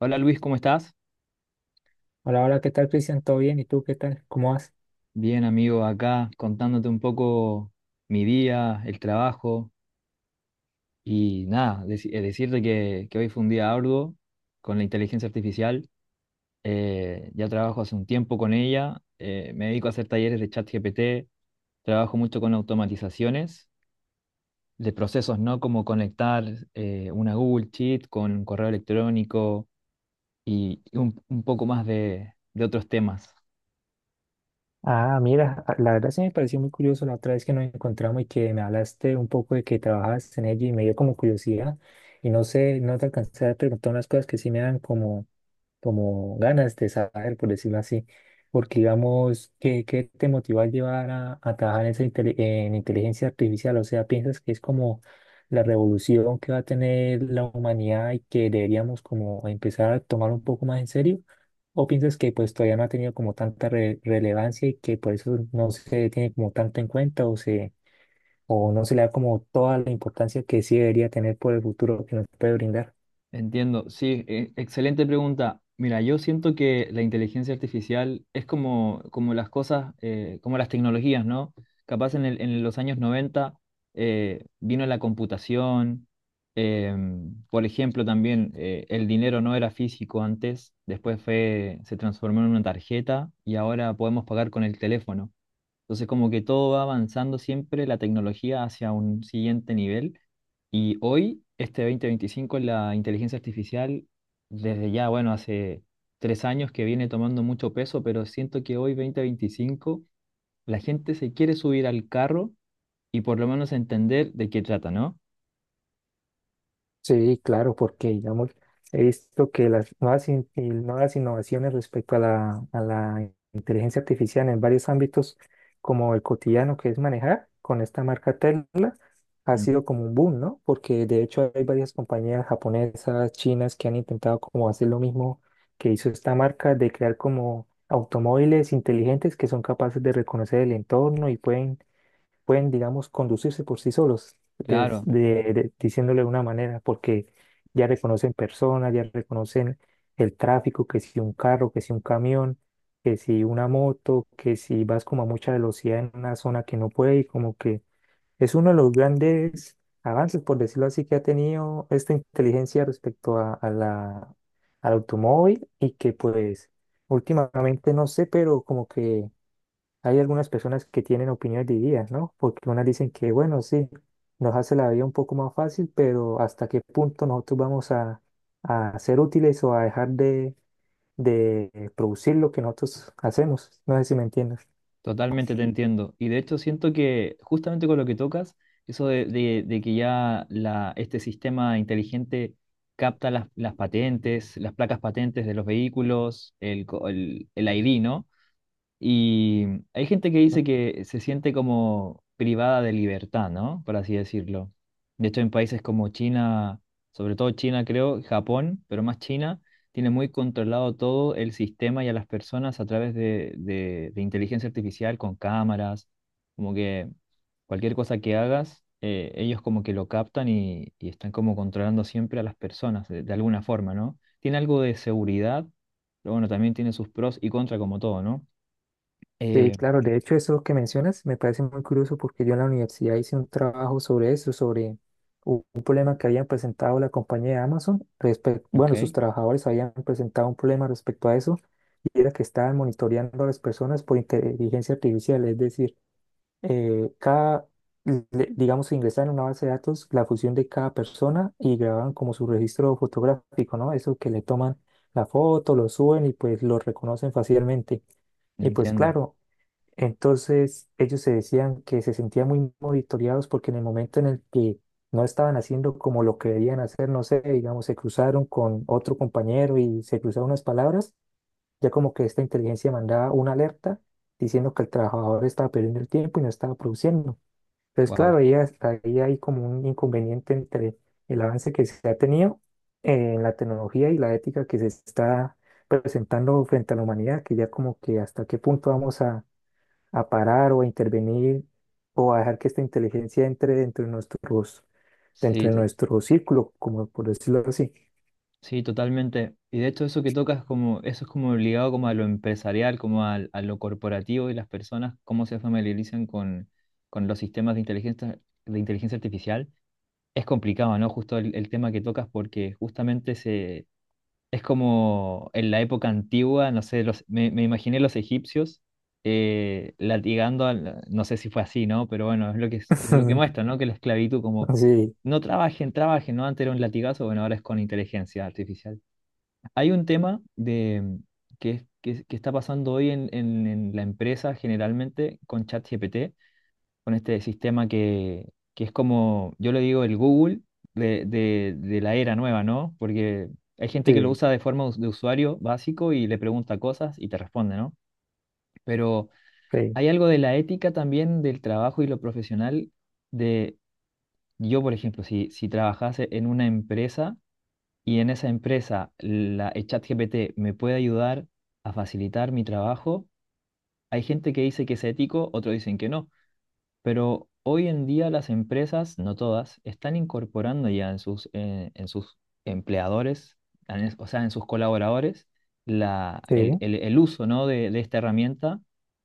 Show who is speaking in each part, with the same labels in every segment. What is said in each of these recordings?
Speaker 1: Hola Luis, ¿cómo estás?
Speaker 2: Hola, hola, ¿qué tal, Cristian? ¿Todo bien? ¿Y tú qué tal? ¿Cómo vas?
Speaker 1: Bien, amigo, acá contándote un poco mi día, el trabajo y nada, decirte que hoy fue un día arduo con la inteligencia artificial. Ya trabajo hace un tiempo con ella, me dedico a hacer talleres de chat GPT, trabajo mucho con automatizaciones de procesos, ¿no? Como conectar una Google Sheet con un correo electrónico y un poco más de otros temas.
Speaker 2: Ah, mira, la verdad sí me pareció muy curioso la otra vez que nos encontramos y que me hablaste un poco de que trabajas en ello y me dio como curiosidad y no sé, no te alcancé a preguntar unas cosas que sí me dan como ganas de saber, por decirlo así. Porque, digamos, ¿qué te motiva a trabajar en, esa en inteligencia artificial? O sea, ¿piensas que es como la revolución que va a tener la humanidad y que deberíamos como empezar a tomar un poco más en serio? ¿O piensas que pues todavía no ha tenido como tanta relevancia y que por eso no se tiene como tanto en cuenta o no se le da como toda la importancia que sí debería tener por el futuro que nos puede brindar?
Speaker 1: Entiendo, sí, excelente pregunta. Mira, yo siento que la inteligencia artificial es como las cosas, como las tecnologías, ¿no? Capaz en los años 90 vino la computación, por ejemplo, también el dinero no era físico antes, después fue, se transformó en una tarjeta y ahora podemos pagar con el teléfono. Entonces, como que todo va avanzando siempre la tecnología hacia un siguiente nivel. Y hoy, este 2025, la inteligencia artificial, desde ya, bueno, hace 3 años que viene tomando mucho peso, pero siento que hoy, 2025, la gente se quiere subir al carro y por lo menos entender de qué trata, ¿no?
Speaker 2: Sí, claro, porque digamos, he visto que las nuevas, nuevas innovaciones respecto a la inteligencia artificial en varios ámbitos, como el cotidiano que es manejar con esta marca Tesla, ha
Speaker 1: Mm.
Speaker 2: sido como un boom, ¿no? Porque de hecho hay varias compañías japonesas, chinas, que han intentado como hacer lo mismo que hizo esta marca, de crear como automóviles inteligentes que son capaces de reconocer el entorno y pueden, digamos, conducirse por sí solos,
Speaker 1: Claro.
Speaker 2: diciéndole de una manera, porque ya reconocen personas, ya reconocen el tráfico, que si un carro, que si un camión, que si una moto, que si vas como a mucha velocidad en una zona que no puede, y como que es uno de los grandes avances, por decirlo así, que ha tenido esta inteligencia respecto a la, al automóvil y que pues últimamente no sé, pero como que hay algunas personas que tienen opiniones divididas, ¿no? Porque unas dicen que, bueno, sí, nos hace la vida un poco más fácil, pero ¿hasta qué punto nosotros vamos a ser útiles o a dejar de producir lo que nosotros hacemos? No sé si me entiendes.
Speaker 1: Totalmente te entiendo. Y de hecho siento que justamente con lo que tocas, eso de que ya este sistema inteligente capta las patentes, las placas patentes de los vehículos, el ID, ¿no? Y hay gente que dice que se siente como privada de libertad, ¿no? Por así decirlo. De hecho, en países como China, sobre todo China, creo, Japón, pero más China, tiene muy controlado todo el sistema y a las personas a través de inteligencia artificial con cámaras, como que cualquier cosa que hagas, ellos como que lo captan y están como controlando siempre a las personas de alguna forma, ¿no? Tiene algo de seguridad, pero bueno, también tiene sus pros y contras como todo, ¿no?
Speaker 2: Sí,
Speaker 1: Eh,
Speaker 2: claro, de hecho eso que mencionas me parece muy curioso porque yo en la universidad hice un trabajo sobre eso, sobre un problema que habían presentado la compañía de Amazon, respecto,
Speaker 1: ok,
Speaker 2: bueno, sus trabajadores habían presentado un problema respecto a eso y era que estaban monitoreando a las personas por inteligencia artificial, es decir, cada, le- digamos, ingresaban en una base de datos la fusión de cada persona y grababan como su registro fotográfico, ¿no? Eso que le toman la foto, lo suben y pues lo reconocen fácilmente. Y pues
Speaker 1: entiendo.
Speaker 2: claro, entonces, ellos se decían que se sentían muy monitoreados porque en el momento en el que no estaban haciendo como lo que debían hacer, no sé, digamos, se cruzaron con otro compañero y se cruzaron unas palabras, ya como que esta inteligencia mandaba una alerta diciendo que el trabajador estaba perdiendo el tiempo y no estaba produciendo. Entonces,
Speaker 1: Wow.
Speaker 2: claro, ahí, ahí hay como un inconveniente entre el avance que se ha tenido en la tecnología y la ética que se está presentando frente a la humanidad, que ya como que hasta qué punto vamos a parar o a intervenir o a dejar que esta inteligencia entre dentro de nuestros, dentro
Speaker 1: Sí,
Speaker 2: de nuestro círculo, como por decirlo así.
Speaker 1: totalmente. Y de hecho eso que tocas como, eso es como ligado como a lo empresarial, como a lo corporativo y las personas, cómo se familiarizan con los sistemas de inteligencia artificial. Es complicado, ¿no? Justo el tema que tocas porque justamente. Es como en la época antigua, no sé, me imaginé los egipcios latigando, no sé si fue así, ¿no? Pero bueno, es lo que muestra, ¿no? Que la esclavitud como,
Speaker 2: Sí,
Speaker 1: no trabajen, trabajen, ¿no? Antes era un latigazo, bueno, ahora es con inteligencia artificial. Hay un tema de, que está pasando hoy en la empresa generalmente con ChatGPT, con este sistema que es como, yo le digo, el Google de la era nueva, ¿no? Porque hay gente que lo
Speaker 2: sí,
Speaker 1: usa de forma de usuario básico y le pregunta cosas y te responde, ¿no? Pero
Speaker 2: sí,
Speaker 1: hay algo de la ética también del trabajo y lo profesional de, yo, por ejemplo, si trabajase en una empresa y en esa empresa el ChatGPT me puede ayudar a facilitar mi trabajo, hay gente que dice que es ético, otros dicen que no. Pero hoy en día las empresas, no todas, están incorporando ya en sus empleadores, o sea, en sus colaboradores, la, el,
Speaker 2: sí,
Speaker 1: el- el uso, ¿no? de esta herramienta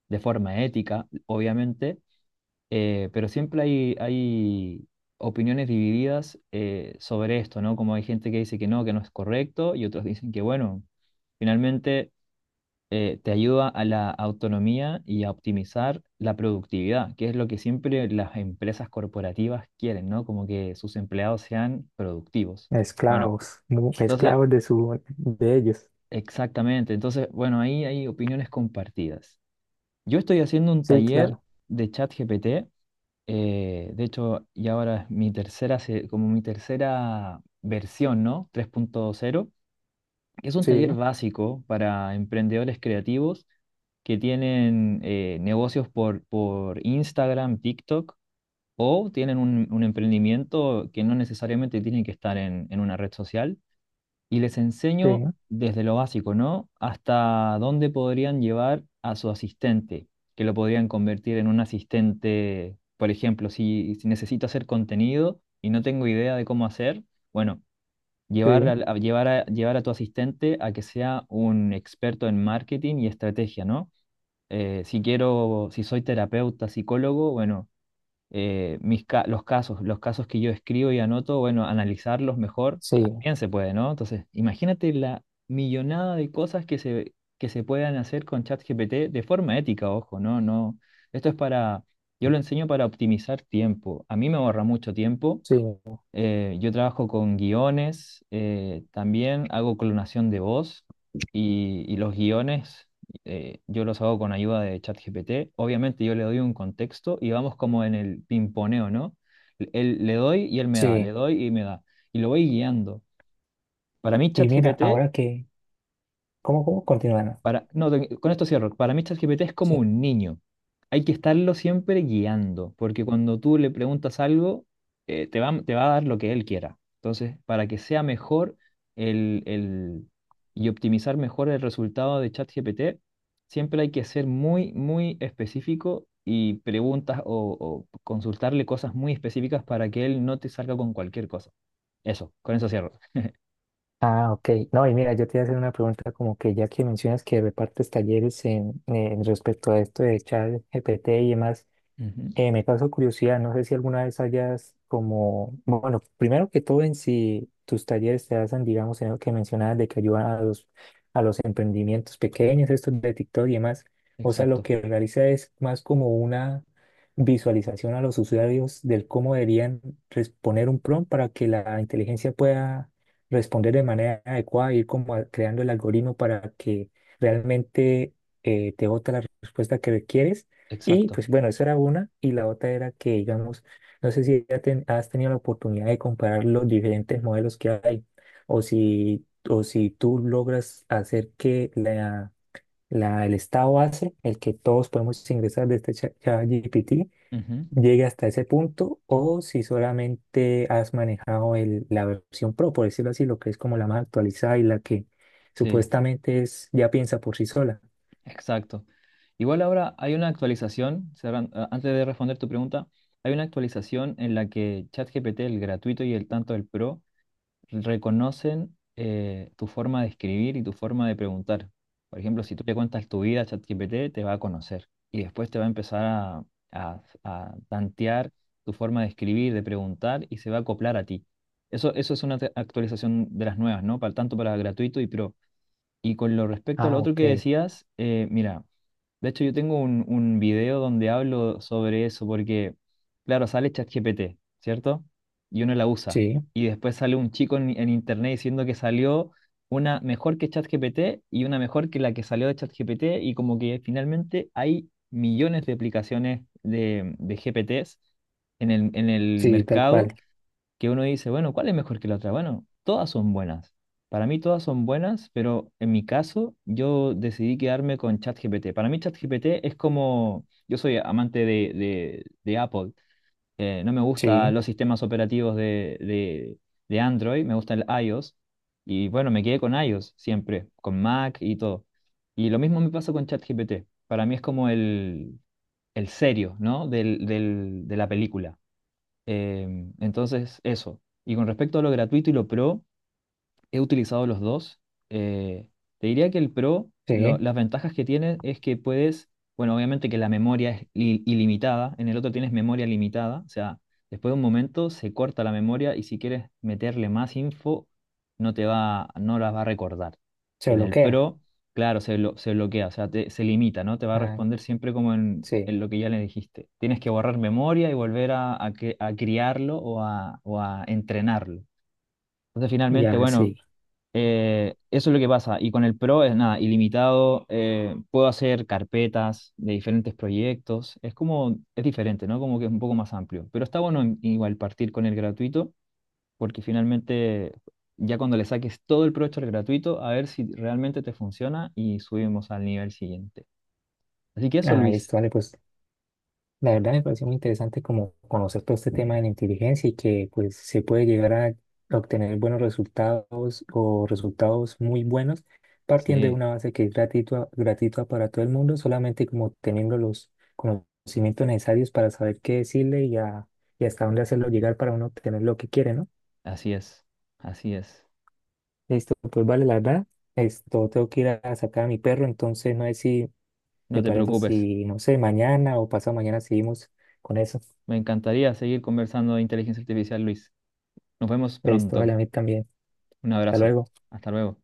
Speaker 1: de forma ética, obviamente, pero siempre hay opiniones divididas sobre esto, ¿no? Como hay gente que dice que no es correcto, y otros dicen que, bueno, finalmente te ayuda a la autonomía y a optimizar la productividad, que es lo que siempre las empresas corporativas quieren, ¿no? Como que sus empleados sean productivos. Bueno,
Speaker 2: esclavos,
Speaker 1: entonces,
Speaker 2: esclavos de su, de ellos.
Speaker 1: exactamente. Entonces, bueno, ahí hay opiniones compartidas. Yo estoy haciendo un
Speaker 2: Sí,
Speaker 1: taller
Speaker 2: claro,
Speaker 1: de ChatGPT. De hecho, y ahora es como mi tercera versión, ¿no? 3.0. Es un
Speaker 2: sí,
Speaker 1: taller básico para emprendedores creativos que tienen negocios por Instagram, TikTok o tienen un emprendimiento que no necesariamente tienen que estar en una red social. Y les
Speaker 2: sí,
Speaker 1: enseño desde lo básico, ¿no? Hasta dónde podrían llevar a su asistente, que lo podrían convertir en un asistente, por ejemplo, si necesito hacer contenido y no tengo idea de cómo hacer, bueno.
Speaker 2: sí,
Speaker 1: Llevar a tu asistente a que sea un experto en marketing y estrategia, ¿no? Si soy terapeuta, psicólogo, bueno, mis ca- los casos que yo escribo y anoto, bueno, analizarlos mejor
Speaker 2: sí,
Speaker 1: también se puede, ¿no? Entonces, imagínate la millonada de cosas que se puedan hacer con ChatGPT de forma ética, ojo, ¿no? No, esto es para, yo lo enseño para optimizar tiempo. A mí me ahorra mucho tiempo
Speaker 2: sí,
Speaker 1: eh, Yo trabajo con guiones, también hago clonación de voz y los guiones yo los hago con ayuda de ChatGPT. Obviamente yo le doy un contexto y vamos como en el pimponeo, ¿no? Le doy y él me da, le
Speaker 2: sí.
Speaker 1: doy y me da. Y lo voy guiando. Para mí
Speaker 2: Y mira,
Speaker 1: ChatGPT
Speaker 2: ahora que, ¿cómo, cómo continúan?
Speaker 1: Para, No, con esto cierro. Para mí ChatGPT es como un niño. Hay que estarlo siempre guiando, porque cuando tú le preguntas algo, te va a dar lo que él quiera. Entonces, para que sea mejor el, el- y optimizar mejor el resultado de ChatGPT, siempre hay que ser muy, muy específico y preguntas o consultarle cosas muy específicas para que él no te salga con cualquier cosa. Eso, con eso cierro.
Speaker 2: Ah, ok. No, y mira, yo te iba a hacer una pregunta como que ya que mencionas que repartes talleres en respecto a esto de ChatGPT y demás,
Speaker 1: Ujú.
Speaker 2: me causó curiosidad, no sé si alguna vez hayas como, bueno, primero que todo en si tus talleres te hacen, digamos, en lo que mencionabas de que ayudan a los emprendimientos pequeños, estos de TikTok y demás, o sea, lo
Speaker 1: Exacto,
Speaker 2: que realiza es más como una visualización a los usuarios del cómo deberían responder un prompt para que la inteligencia pueda responder de manera adecuada, ir como creando el algoritmo para que realmente te bote la respuesta que requieres y
Speaker 1: exacto.
Speaker 2: pues bueno, esa era una. Y la otra era que, digamos, no sé si ya has tenido la oportunidad de comparar los diferentes modelos que hay o si tú logras hacer que la, el estado base, el que todos podemos ingresar de este chat GPT
Speaker 1: Ujú.
Speaker 2: llegue hasta ese punto o si solamente has manejado el, la versión Pro, por decirlo así, lo que es como la más actualizada y la que
Speaker 1: Sí,
Speaker 2: supuestamente es, ya piensa por sí sola.
Speaker 1: exacto. Igual ahora hay una actualización, antes de responder tu pregunta, hay una actualización en la que ChatGPT, el gratuito y el tanto el pro, reconocen tu forma de escribir y tu forma de preguntar. Por ejemplo, si tú le cuentas tu vida a ChatGPT, te va a conocer y después te va a empezar a, a tantear tu forma de escribir, de preguntar y se va a acoplar a ti. Eso es una actualización de las nuevas, ¿no? Tanto para gratuito y pro. Y con lo respecto a lo
Speaker 2: Ah,
Speaker 1: otro
Speaker 2: ok.
Speaker 1: que decías, mira. De hecho, yo tengo un video donde hablo sobre eso, porque, claro, sale ChatGPT, ¿cierto? Y uno la usa.
Speaker 2: Sí,
Speaker 1: Y después sale un chico en internet diciendo que salió una mejor que ChatGPT y una mejor que la que salió de ChatGPT. Y como que finalmente hay millones de aplicaciones de GPTs en el
Speaker 2: sí, tal
Speaker 1: mercado
Speaker 2: cual.
Speaker 1: que uno dice, bueno, ¿cuál es mejor que la otra? Bueno, todas son buenas. Para mí todas son buenas, pero en mi caso yo decidí quedarme con ChatGPT. Para mí ChatGPT es como, yo soy amante de Apple, no me
Speaker 2: Sí.
Speaker 1: gustan los sistemas operativos de Android, me gusta el iOS, y bueno, me quedé con iOS siempre, con Mac y todo. Y lo mismo me pasa con ChatGPT. Para mí es como el serio, ¿no? De la película. Entonces, eso. Y con respecto a lo gratuito y lo pro, he utilizado los dos. eh, te diría que el Pro,
Speaker 2: Sí,
Speaker 1: las ventajas que tiene es que puedes, bueno, obviamente que la memoria es ilimitada, en el otro tienes memoria limitada, o sea, después de un momento se corta la memoria y si quieres meterle más info, no las va a recordar.
Speaker 2: se
Speaker 1: En el
Speaker 2: bloquea.
Speaker 1: Pro, claro, se bloquea, o sea, se limita, ¿no? Te va a
Speaker 2: Ah,
Speaker 1: responder siempre como en,
Speaker 2: sí,
Speaker 1: en lo que ya le dijiste. Tienes que borrar memoria y volver a, a criarlo o a entrenarlo. Entonces, finalmente,
Speaker 2: ya
Speaker 1: bueno.
Speaker 2: sí.
Speaker 1: Eso es lo que pasa. Y con el Pro es nada, ilimitado. Puedo hacer carpetas de diferentes proyectos. Es como, es diferente, ¿no? Como que es un poco más amplio. Pero está bueno igual partir con el gratuito, porque finalmente ya cuando le saques todo el provecho al gratuito, a ver si realmente te funciona y subimos al nivel siguiente. Así que eso,
Speaker 2: Ah,
Speaker 1: Luis.
Speaker 2: listo, vale, pues la verdad me pareció muy interesante como conocer todo este tema de la inteligencia y que pues se puede llegar a obtener buenos resultados o resultados muy buenos partiendo de
Speaker 1: Sí,
Speaker 2: una base que es gratuita, gratuita para todo el mundo, solamente como teniendo los conocimientos necesarios para saber qué decirle y hasta dónde hacerlo llegar para uno obtener lo que quiere, ¿no?
Speaker 1: así es. Así es.
Speaker 2: Listo, pues vale, la verdad. Esto tengo que ir a sacar a mi perro, entonces no sé si
Speaker 1: No
Speaker 2: ¿te
Speaker 1: te
Speaker 2: parece
Speaker 1: preocupes.
Speaker 2: si, no sé, mañana o pasado mañana seguimos con eso?
Speaker 1: Me encantaría seguir conversando de inteligencia artificial, Luis. Nos vemos
Speaker 2: Listo, vale, a
Speaker 1: pronto.
Speaker 2: mí también.
Speaker 1: Un
Speaker 2: Hasta
Speaker 1: abrazo.
Speaker 2: luego.
Speaker 1: Hasta luego.